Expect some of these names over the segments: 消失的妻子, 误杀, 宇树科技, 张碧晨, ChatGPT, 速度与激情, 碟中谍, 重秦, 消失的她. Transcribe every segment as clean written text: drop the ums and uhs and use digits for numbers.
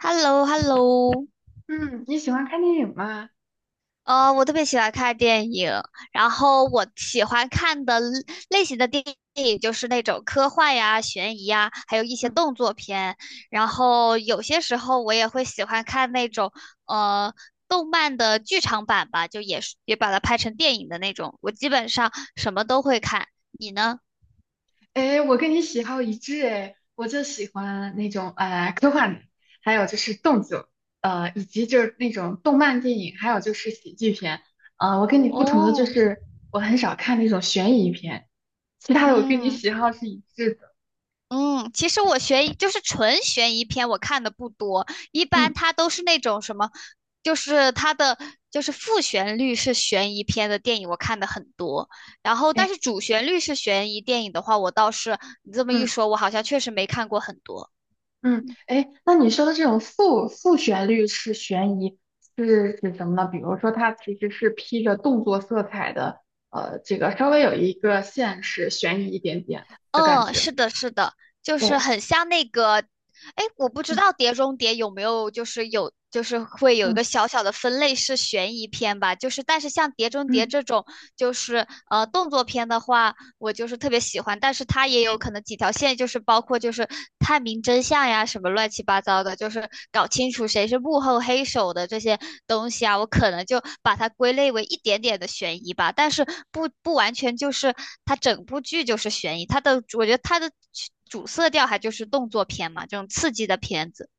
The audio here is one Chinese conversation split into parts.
h e l l o h e l l o。 嗯，你喜欢看电影吗？我特别喜欢看电影，然后我喜欢看的类型的电影就是那种科幻呀、悬疑呀，还有一些嗯，动作片。然后有些时候我也会喜欢看那种呃动漫的剧场版吧，就也是也把它拍成电影的那种。我基本上什么都会看，你呢？哎，我跟你喜好一致哎，我就喜欢那种科幻的，还有就是动作，以及就是那种动漫电影，还有就是喜剧片。我跟你不同的就哦，是我很少看那种悬疑片，其他的我跟你嗯。喜好是一致的。嗯，其实我悬疑就是纯悬疑片，我看的不多，一般嗯，它都是那种什么，就是它的就是副旋律是悬疑片的电影，我看的很多。然后，但哎，是主旋律是悬疑电影的话，我倒是你这么一嗯。说，我好像确实没看过很多。嗯，哎，那你说的这种复旋律式悬疑是指什么呢？比如说，它其实是披着动作色彩的，这个稍微有一个现实悬疑一点点的感嗯，觉。是的，是的，就是哦，很像那个，哎，我不知嗯道《碟中谍》有没有就是有就是会有一嗯个小小的分类是悬疑片吧，就是但是像《碟中谍》嗯。这种就是动作片的话。我就是特别喜欢，但是它也有可能几条线，就是包括就是探明真相呀，什么乱七八糟的，就是搞清楚谁是幕后黑手的这些东西啊，我可能就把它归类为一点点的悬疑吧，但是不完全就是它整部剧就是悬疑，我觉得它的主色调还就是动作片嘛，这种刺激的片子。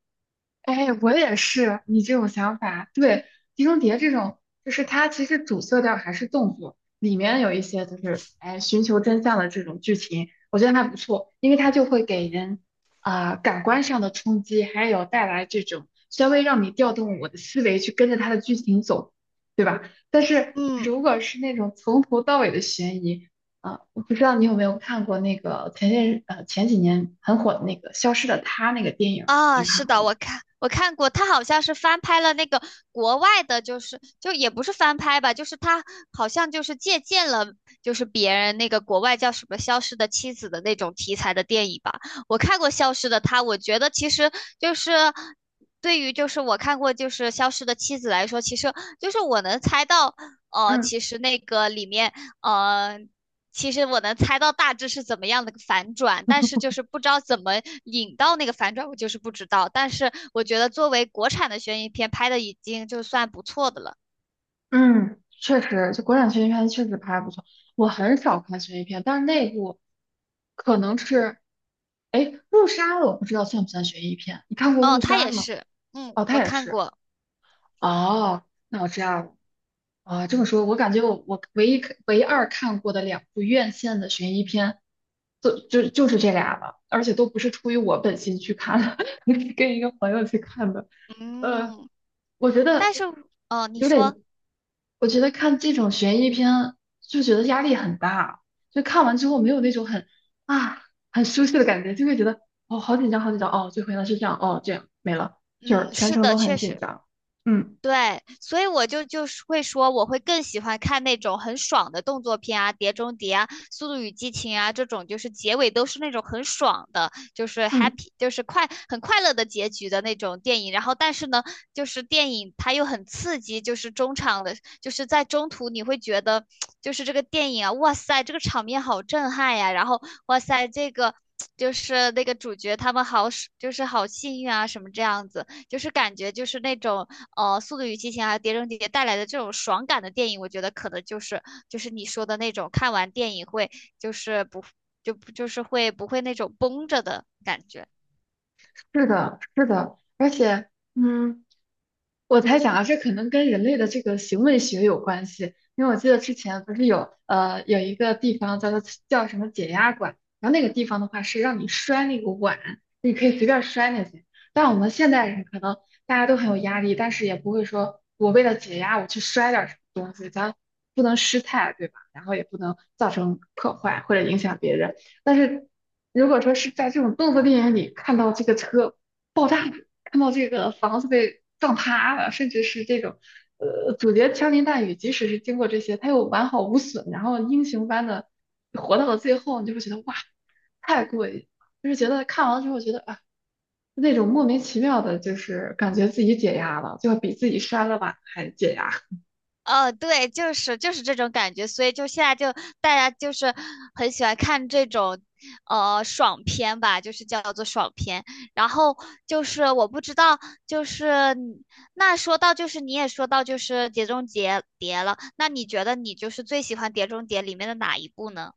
哎，我也是你这种想法。对，《碟中谍》这种，就是它其实主色调还是动作，里面有一些就是哎寻求真相的这种剧情，我觉得还不错，因为它就会给人啊、感官上的冲击，还有带来这种稍微让你调动我的思维去跟着它的剧情走，对吧？但是嗯如果是那种从头到尾的悬疑，啊、我不知道你有没有看过那个前些日呃前几年很火的那个《消失的她》那个电影，啊，你是看过的，吗？我看过，他好像是翻拍了那个国外的，就是就也不是翻拍吧，就是他好像就是借鉴了就是别人那个国外叫什么《消失的妻子》的那种题材的电影吧。我看过《消失的她》，我觉得其实就是对于就是我看过就是《消失的妻子》来说，其实就是我能猜到，嗯。其实那个里面，呃。其实我能猜到大致是怎么样的反转，但是就是不知道怎么引到那个反转，我就是不知道。但是我觉得作为国产的悬疑片拍的已经就算不错的了。嗯，确实，就国产悬疑片确实拍得不错。我很少看悬疑片，但是那部可能是，哎，《误杀》我不知道算不算悬疑片？你看过哦，《误他杀》也吗？是，嗯，哦，他我也看是。过，哦，那我知道了。啊，这么说，我感觉我唯一唯二看过的两部院线的悬疑片，就是这俩了，而且都不是出于我本心去看的，是跟一个朋友去看的。呃，嗯，我觉得但是，哦，你有说，点，我觉得看这种悬疑片就觉得压力很大，就看完之后没有那种很啊很舒适的感觉，就会觉得哦好紧张好紧张哦，最后原来是这样哦这样没了，就是嗯，全是程的，都很确紧实。张。嗯对，所以我就是会说，我会更喜欢看那种很爽的动作片啊，《碟中谍》啊，《速度与激情》啊，这种就是结尾都是那种很爽的，就是 嗯，happy，就是很快乐的结局的那种电影。然后，但是呢，就是电影它又很刺激，就是中场的，就是在中途你会觉得，就是这个电影啊，哇塞，这个场面好震撼呀，然后哇塞，这个。就是那个主角他们好，就是好幸运啊，什么这样子，就是感觉就是那种《速度与激情》还有《碟中谍》带来的这种爽感的电影，我觉得可能就是就是你说的那种看完电影会就是不就不就是会不会那种绷着的感觉。是的，是的，而且嗯。我猜想啊，这可能跟人类的这个行为学有关系，因为我记得之前不是有一个地方叫做叫什么解压馆，然后那个地方的话是让你摔那个碗，你可以随便摔那些。但我们现代人可能大家都很有压力，但是也不会说我为了解压我去摔点儿什么东西，咱不能失态，对吧？然后也不能造成破坏或者影响别人。但是如果说是在这种动作电影里看到这个车爆炸，看到这个房子被撞塌了，甚至是这种，主角枪林弹雨，即使是经过这些，他又完好无损，然后英雄般的活到了最后，你就会觉得哇，太过瘾了，就是觉得看完了之后觉得啊，那种莫名其妙的，就是感觉自己解压了，就比自己摔了碗还解压。对，就是这种感觉，所以就现在就大家就是很喜欢看这种爽片吧，就是叫做爽片。然后就是我不知道，就是你那说到就是你也说到就是《碟中谍》碟了，那你觉得你就是最喜欢《碟中谍》里面的哪一部呢？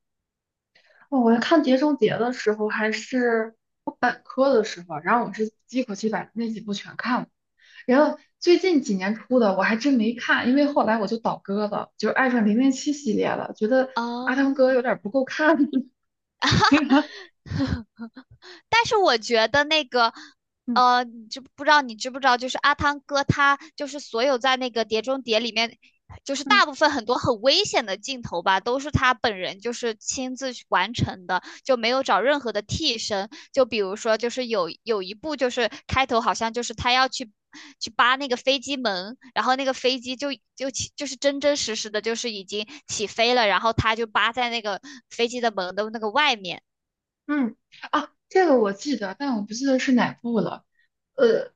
哦我看《碟中谍》的时候，还是我本科的时候，然后我是一口气把那几部全看了，然后最近几年出的我还真没看，因为后来我就倒戈了，就爱上零零七系列了，觉得阿汤哦，哥有点不够看。但是我觉得那个，嗯你知不知道？你知不知道？就是阿汤哥他就是所有在那个《碟中谍》里面，就是嗯大部分很多很危险的镜头吧，都是他本人就是亲自去完成的，就没有找任何的替身。就比如说，就是有一部就是开头好像就是他要去。去扒那个飞机门，然后那个飞机就起就是真真实实的，就是已经起飞了，然后他就扒在那个飞机的门的那个外面，嗯，啊，这个我记得，但我不记得是哪部了。呃，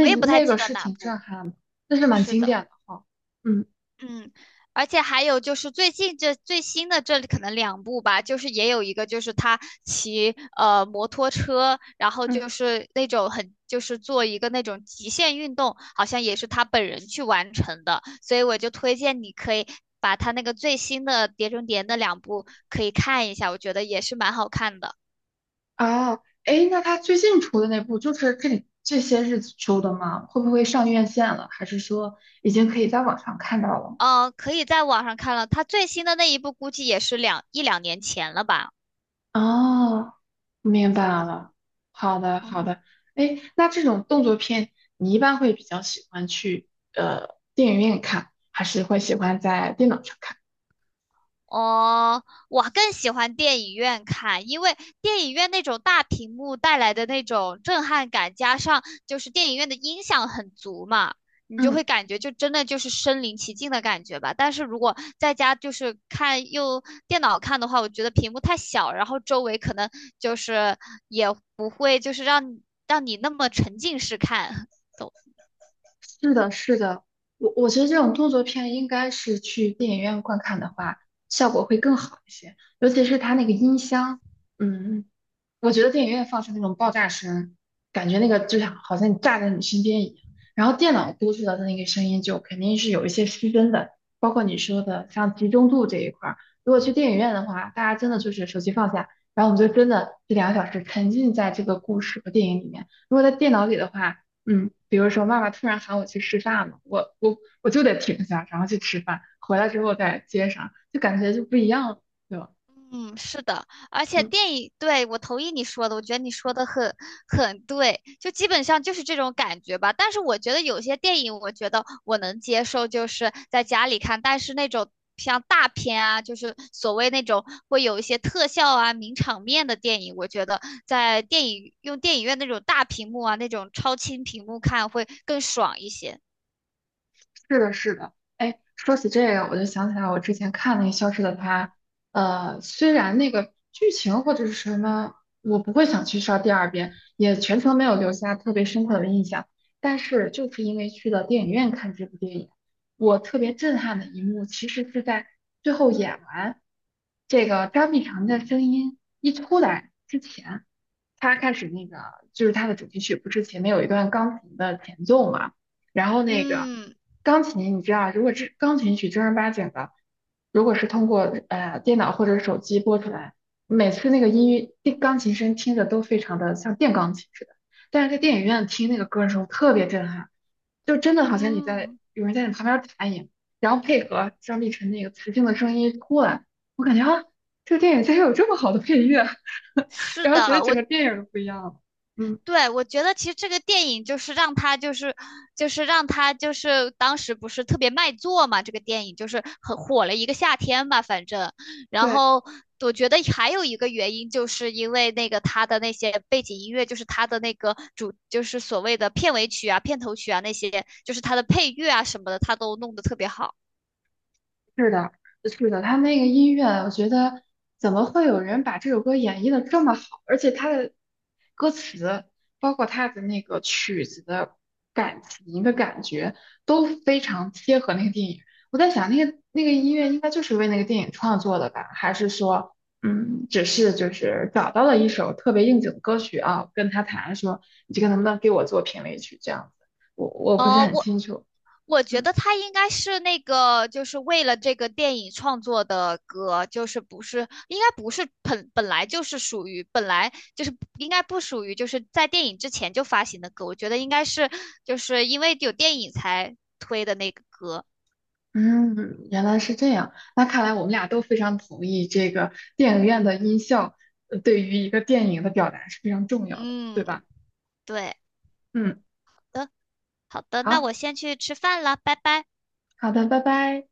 我也不太那记个得是哪挺震部。撼的，那是蛮是经的，典的哈。嗯，嗯，而且还有就是最近这最新的这里可能两部吧，就是也有一个就是他骑摩托车，然后嗯，就是那种很就是做一个那种极限运动，好像也是他本人去完成的，所以我就推荐你可以把他那个最新的《碟中谍》那两部可以看一下，我觉得也是蛮好看的。嗯啊，哎，那他最近出的那部就是这些日子出的吗？会不会上院线了？还是说已经可以在网上看到了？可以在网上看了，他最新的那一部估计也是一两年前了吧？哦，明白是的，了。好的，好嗯。的。哎，那这种动作片，你一般会比较喜欢去电影院看，还是会喜欢在电脑上看？哦，我更喜欢电影院看，因为电影院那种大屏幕带来的那种震撼感，加上就是电影院的音响很足嘛，你就会嗯，感觉就真的就是身临其境的感觉吧。但是如果在家就是看用电脑看的话，我觉得屏幕太小，然后周围可能就是也不会就是让你那么沉浸式看。是的，是的，我觉得这种动作片应该是去电影院观看的话，效果会更好一些，尤其是它那个音箱，嗯，我觉得电影院放出那种爆炸声，感觉那个就像好像你炸在你身边一样。然后电脑播出来的那个声音就肯定是有一些失真的，包括你说的像集中度这一块儿。如果去电影院的话，大家真的就是手机放下，然后我们就真的这两个小时沉浸在这个故事和电影里面。如果在电脑里的话，嗯，比如说妈妈突然喊我去吃饭了，我就得停下，然后去吃饭，回来之后再接上，就感觉就不一样了，对吧？嗯，是的，而且嗯。电影，对，我同意你说的，我觉得你说的很对，就基本上就是这种感觉吧。但是我觉得有些电影，我觉得我能接受，就是在家里看，但是那种像大片啊，就是所谓那种会有一些特效啊、名场面的电影，我觉得在电影用电影院那种大屏幕啊、那种超清屏幕看会更爽一些。是的，是的。哎，说起这个，我就想起来我之前看那个《消失的她》，呃，虽然那个剧情或者是什么，我不会想去刷第二遍，也全程没有留下特别深刻的印象，但是就是因为去了电影院看这部电影，我特别震撼的一幕，其实是在最后演完这个张碧晨的声音一出来之前，他开始那个就是他的主题曲不是前面有一段钢琴的前奏嘛。然后那个嗯钢琴，你知道，如果这钢琴曲正儿八经的，如果是通过电脑或者手机播出来，每次那个音乐电钢琴声听着都非常的像电钢琴似的。但是在电影院听那个歌的时候特别震撼，就真的好像你在嗯，有人在你旁边弹一样，然后配合张碧晨那个磁性的声音出来，我感觉啊，这个电影竟然有这么好的配乐，是然后觉得的，整我。个电影都不一样了。嗯，对，我觉得其实这个电影就是让他就是当时不是特别卖座嘛，这个电影就是很火了一个夏天吧，反正。然对。后我觉得还有一个原因，就是因为那个他的那些背景音乐，就是他的那个主，就是所谓的片尾曲啊、片头曲啊那些，就是他的配乐啊什么的，他都弄得特别好。是的，是的，他那个音乐，我觉得怎么会有人把这首歌演绎的这么好？而且他的歌词，包括他的那个曲子的感情的感觉，都非常贴合那个电影。我在想，那个音乐应该就是为那个电影创作的吧？还是说，嗯，只是就是找到了一首特别应景的歌曲啊，跟他谈说，你这个能不能给我做评委曲这样子？我不是哦，很我清楚。我觉嗯。得他应该是那个，就是为了这个电影创作的歌，就是不是应该不是本来就是属于本来就是应该不属于就是在电影之前就发行的歌，我觉得应该是就是因为有电影才推的那个歌。嗯，原来是这样。那看来我们俩都非常同意，这个电影院的音效，呃对于一个电影的表达是非常重要的，对嗯，吧？对嗯，的，好的，那好，我先去吃饭了，拜拜。好的，拜拜。